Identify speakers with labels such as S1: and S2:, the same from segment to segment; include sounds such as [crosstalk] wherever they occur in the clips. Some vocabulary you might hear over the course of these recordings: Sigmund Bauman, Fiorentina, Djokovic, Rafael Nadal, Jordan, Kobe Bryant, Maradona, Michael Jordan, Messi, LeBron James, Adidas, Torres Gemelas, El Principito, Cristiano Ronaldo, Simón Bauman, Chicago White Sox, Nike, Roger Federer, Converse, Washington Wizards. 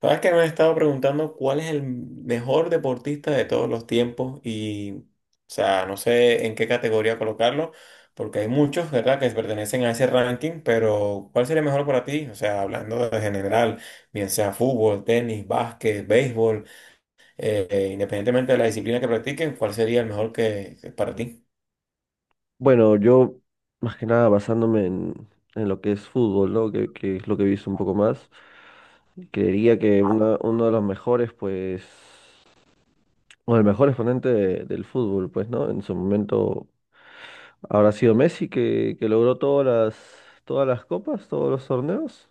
S1: Sabes que me han estado preguntando cuál es el mejor deportista de todos los tiempos y, o sea, no sé en qué categoría colocarlo, porque hay muchos, ¿verdad?, que pertenecen a ese ranking, pero ¿cuál sería mejor para ti? O sea, hablando de general, bien sea fútbol, tenis, básquet, béisbol, independientemente de la disciplina que practiquen, ¿cuál sería el mejor que para ti?
S2: Bueno, yo más que nada basándome en lo que es fútbol, ¿no? Que es lo que he visto un poco más. Creería que uno de los mejores, pues, o el mejor exponente del fútbol, pues, ¿no? En su momento habrá sido Messi que logró todas las copas, todos los torneos.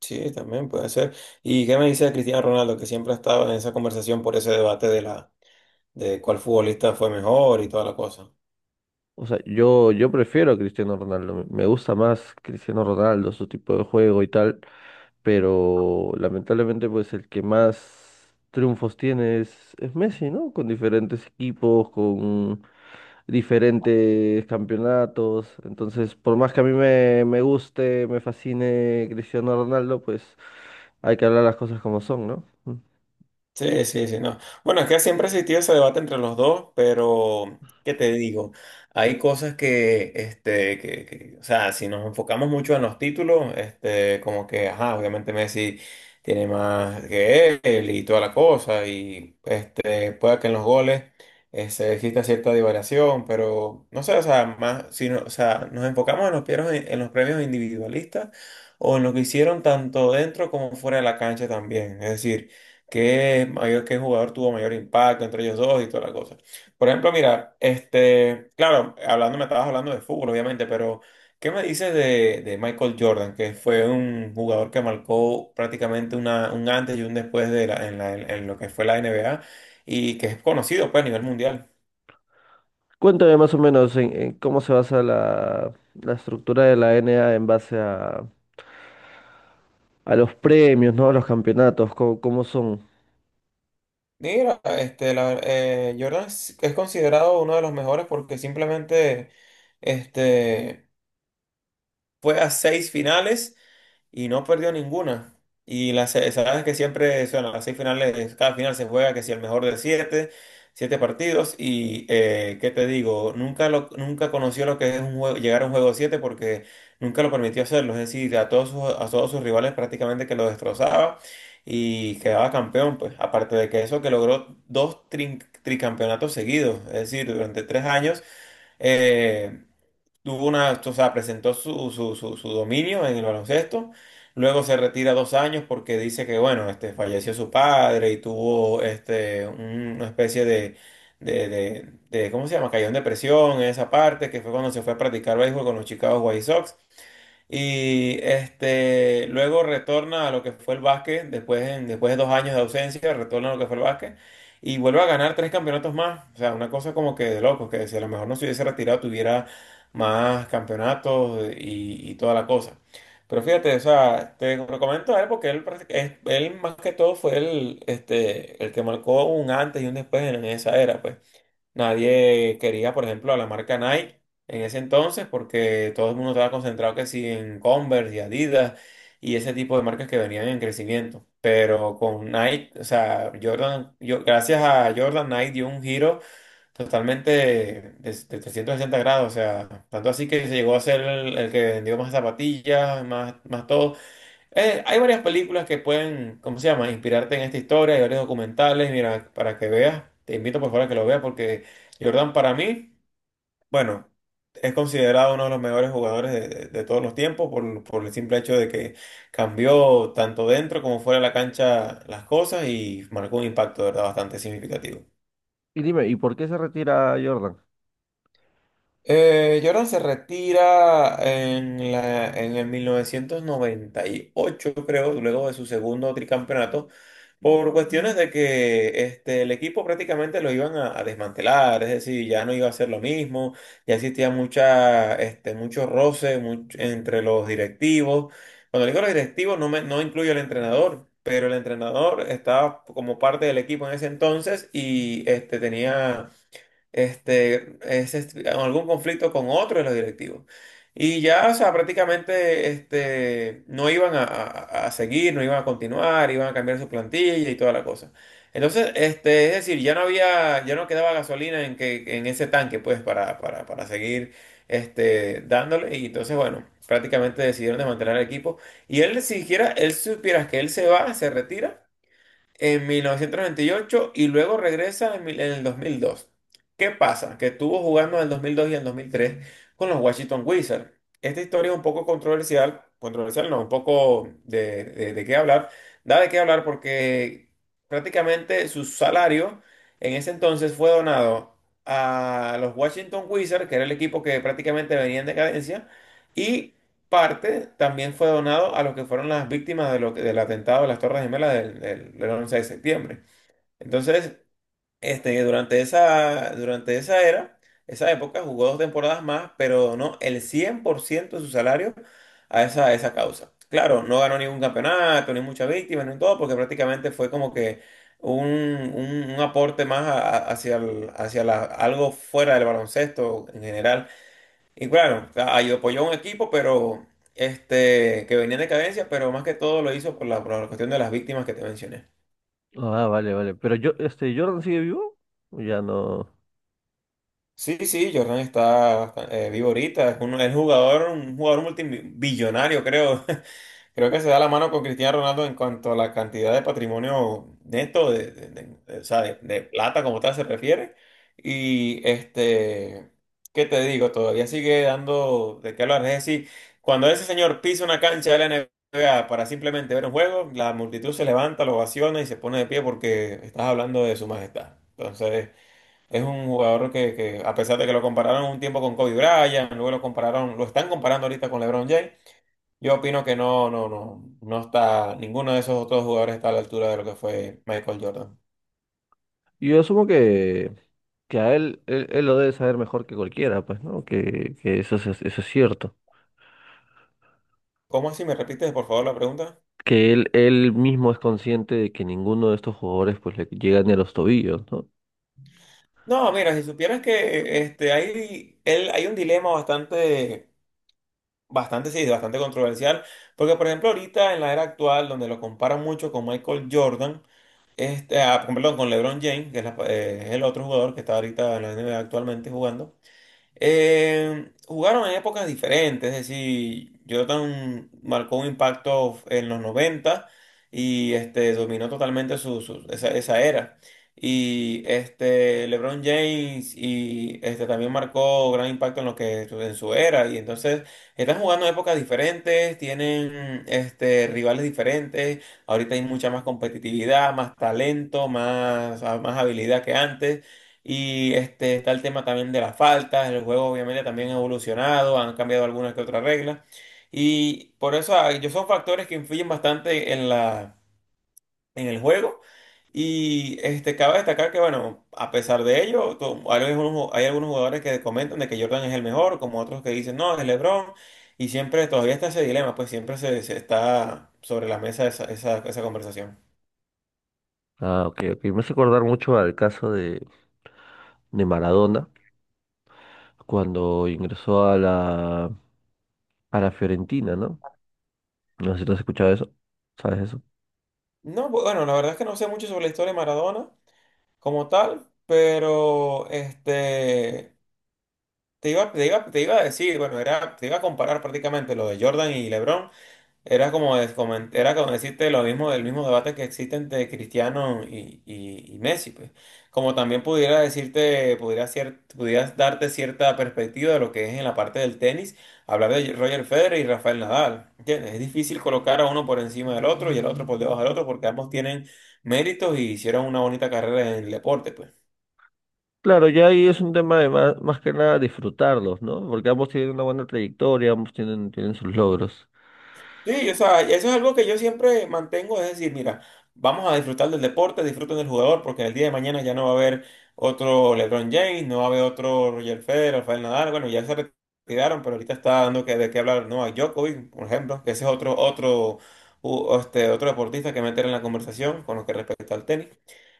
S1: Sí, también puede ser. ¿Y qué me dice de Cristiano Ronaldo, que siempre ha estado en esa conversación por ese debate de cuál futbolista fue mejor y toda la cosa?
S2: O sea, yo prefiero a Cristiano Ronaldo, me gusta más Cristiano Ronaldo, su tipo de juego y tal. Pero lamentablemente pues el que más triunfos tiene es Messi, ¿no? Con diferentes equipos, con diferentes campeonatos. Entonces, por más que a me guste, me fascine Cristiano Ronaldo, pues hay que hablar las cosas como son, ¿no? Mm.
S1: Sí, sí, sí, no. Bueno, es que siempre ha existido ese debate entre los dos, pero ¿qué te digo? Hay cosas que, este, o sea, si nos enfocamos mucho en los títulos, este, como que, ajá, obviamente Messi tiene más que él y toda la cosa, y este, pueda que en los goles este, exista cierta divariación, pero no sé, o sea, más, o sea, nos enfocamos en los premios individualistas o en lo que hicieron tanto dentro como fuera de la cancha también, es decir qué jugador tuvo mayor impacto entre ellos dos y toda la cosa. Por ejemplo, mira, este, claro, me estabas hablando de fútbol, obviamente, pero ¿qué me dices de Michael Jordan, que fue un jugador que marcó prácticamente un antes y un después de la- en lo que fue la NBA y que es conocido pues, a nivel mundial?
S2: Cuéntame más o menos en cómo se basa la, la estructura de la NA en base a los premios, ¿no? A los campeonatos, cómo, cómo son.
S1: Mira, este, Jordan es considerado uno de los mejores porque simplemente este, fue a 6 finales y no perdió ninguna. Sabes que siempre son las 6 finales, cada final se juega que si el mejor de 7, 7 partidos. Y qué te digo, nunca conoció lo que es un juego, llegar a un juego 7 porque nunca lo permitió hacerlo. Es decir, a todos sus rivales prácticamente que lo destrozaba y quedaba campeón, pues. Aparte de que eso que logró tricampeonatos seguidos, es decir, durante 3 años. eh, Tuvo una, o sea, presentó su dominio en el baloncesto. Luego se retira 2 años porque dice que, bueno, este, falleció su padre y tuvo este, una especie ¿cómo se llama? Cayó en depresión en esa parte, que fue cuando se fue a practicar béisbol con los Chicago White Sox. Y este, luego retorna a lo que fue el básquet, después, después de 2 años de ausencia, retorna a lo que fue el básquet y vuelve a ganar 3 campeonatos más. O sea, una cosa como que de locos, que si a lo mejor no se hubiese retirado tuviera más campeonatos y toda la cosa. Pero fíjate, o sea, te lo comento a él porque él, él más que todo fue el, este, el que marcó un antes y un después en esa era, pues. Nadie quería, por ejemplo, a la marca Nike en ese entonces porque todo el mundo estaba concentrado que sí en Converse y Adidas y ese tipo de marcas que venían en crecimiento. Pero con Nike, o sea, Jordan, yo, gracias a Jordan, Nike dio un giro totalmente de 360 grados. O sea, tanto así que se llegó a ser el que vendió más zapatillas, más todo. Hay varias películas que pueden, ¿cómo se llama?, inspirarte en esta historia, hay varios documentales, mira, para que veas, te invito por favor a que lo veas porque Jordan para mí, bueno, es considerado uno de los mejores jugadores de todos los tiempos por el simple hecho de que cambió tanto dentro como fuera de la cancha las cosas y marcó un impacto, de verdad, bastante significativo.
S2: Y dime, ¿y por qué se retira Jordan?
S1: Jordan se retira en el 1998, creo, luego de su segundo tricampeonato, por cuestiones de que este, el equipo prácticamente lo iban a desmantelar, es decir, ya no iba a ser lo mismo, ya existía mucho roce entre los directivos. Cuando digo los directivos, no incluyo al entrenador. Pero el entrenador estaba como parte del equipo en ese entonces y este, tenía este, en algún conflicto con otro de los directivos. Y ya, o sea, prácticamente este, no iban a seguir, no iban a continuar, iban a cambiar su plantilla y toda la cosa. Entonces, este, es decir, ya no había, ya no quedaba gasolina en ese tanque, pues, para seguir este, dándole. Y entonces, bueno, prácticamente decidieron desmantelar el equipo. Y él, siquiera, él si supieras que se retira en 1998 y ocho y luego regresa en el 2002. ¿Qué pasa? Que estuvo jugando en el 2002 y en el 2003 con los Washington Wizards. Esta historia es un poco controversial, controversial no, un poco de qué hablar, da de qué hablar porque prácticamente su salario en ese entonces fue donado a los Washington Wizards, que era el equipo que prácticamente venía en decadencia, y parte también fue donado a lo que fueron las víctimas de del atentado de las Torres Gemelas del 11 de septiembre. Entonces, este, durante esa era, esa época, jugó 2 temporadas más, pero donó el 100% de su salario a esa causa. Claro, no ganó ningún campeonato, ni muchas víctimas, ni todo, porque prácticamente fue como que un aporte más hacia, hacia algo fuera del baloncesto en general y claro, apoyó a un equipo, pero este, que venía en decadencia, pero más que todo lo hizo por la cuestión de las víctimas que te mencioné.
S2: Ah, vale, vale. Pero yo, este, ¿Jordan sigue vivo? Ya no.
S1: Sí, sí, Jordan está vivo ahorita, es un, es jugador, un jugador multibillonario, creo. [laughs] Creo que se da la mano con Cristiano Ronaldo en cuanto a la cantidad de patrimonio neto, o sea, de plata como tal se refiere. Y este, ¿qué te digo? Todavía sigue dando de qué hablar. Es decir, cuando ese señor pisa una cancha de la NBA para simplemente ver un juego, la multitud se levanta, lo ovaciona y se pone de pie porque estás hablando de su majestad. Entonces, es un jugador que a pesar de que lo compararon un tiempo con Kobe Bryant, luego lo compararon, lo están comparando ahorita con LeBron James. Yo opino que no está, ninguno de esos otros jugadores está a la altura de lo que fue Michael Jordan.
S2: Yo asumo que, que a él lo debe saber mejor que cualquiera, pues, ¿no? Que eso es cierto.
S1: ¿Cómo así? ¿Me repites, por favor, la pregunta?
S2: Que él mismo es consciente de que ninguno de estos jugadores pues le llega ni a los tobillos, ¿no?
S1: No, mira, si supieras que este, hay un dilema bastante, bastante, sí, bastante controversial, porque por ejemplo ahorita en la era actual, donde lo comparan mucho con Michael Jordan, este, perdón, con LeBron James, que es, es el otro jugador que está ahorita en la NBA actualmente jugando. Jugaron en épocas diferentes, es decir, Jordan marcó un impacto en los 90 y este, dominó totalmente esa, esa era. Y este, LeBron James y este, también marcó gran impacto en lo que en su era. Y entonces están jugando en épocas diferentes, tienen este, rivales diferentes. Ahorita hay mucha más competitividad, más talento, más habilidad que antes. Y este, está el tema también de las faltas, el juego obviamente también ha evolucionado, han cambiado algunas que otras reglas. Y por eso yo son factores que influyen bastante en el juego. Y este, cabe destacar que, bueno, a pesar de ello, hay algunos jugadores que comentan de que Jordan es el mejor, como otros que dicen, no, es LeBron. Y siempre, todavía está ese dilema, pues siempre se está sobre la mesa esa conversación.
S2: Ah, ok, ok. Me hace acordar mucho al caso de Maradona cuando ingresó a la Fiorentina, ¿no? No sé si tú has escuchado eso. ¿Sabes eso?
S1: No, bueno, la verdad es que no sé mucho sobre la historia de Maradona como tal, pero este, te iba a decir, bueno, era, te iba a comparar prácticamente lo de Jordan y LeBron, era como, era como decirte lo mismo del mismo debate que existe entre Cristiano y Messi, pues. Como también pudiera decirte, pudieras darte cierta perspectiva de lo que es en la parte del tenis, hablar de Roger Federer y Rafael Nadal, ¿entiendes? Es difícil colocar a uno por encima del otro y el otro por debajo del otro porque ambos tienen méritos y hicieron una bonita carrera en el deporte, pues.
S2: Claro, ya ahí es un tema de más, más que nada disfrutarlos, ¿no? Porque ambos tienen una buena trayectoria, ambos tienen, tienen sus logros.
S1: Sí, o sea, eso es algo que yo siempre mantengo, es decir, mira, vamos a disfrutar del deporte, disfruten del jugador, porque el día de mañana ya no va a haber otro LeBron James, no va a haber otro Roger Federer, Rafael Nadal, bueno, ya se retiraron, pero ahorita está dando que, de qué hablar, no, a Djokovic, por ejemplo, que ese es otro, otro, este, otro deportista que meter en la conversación con lo que respecta al tenis.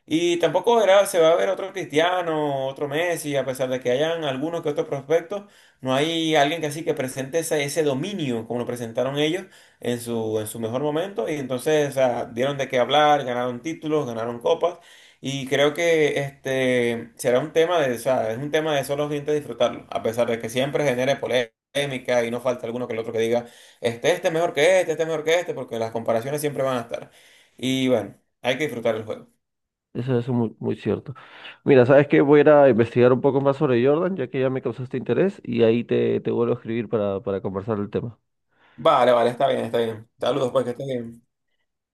S1: Y tampoco se va a ver otro Cristiano, otro Messi, a pesar de que hayan algunos que otros prospectos, no hay alguien que así que presente ese, ese dominio como lo presentaron ellos en su mejor momento. Y entonces, o sea, dieron de qué hablar, ganaron títulos, ganaron copas. Y creo que este será un tema de, o sea, es un tema de solo gente disfrutarlo, a pesar de que siempre genere polémica y no falta alguno que el otro que diga, este es mejor que este es mejor que este, porque las comparaciones siempre van a estar. Y bueno, hay que disfrutar el juego.
S2: Eso es muy, muy cierto. Mira, ¿sabes qué? Voy a ir a investigar un poco más sobre Jordan, ya que ya me causaste interés, y ahí te, te vuelvo a escribir para conversar el tema.
S1: Vale, vale, está bien, está bien. Saludos, pues que estés bien.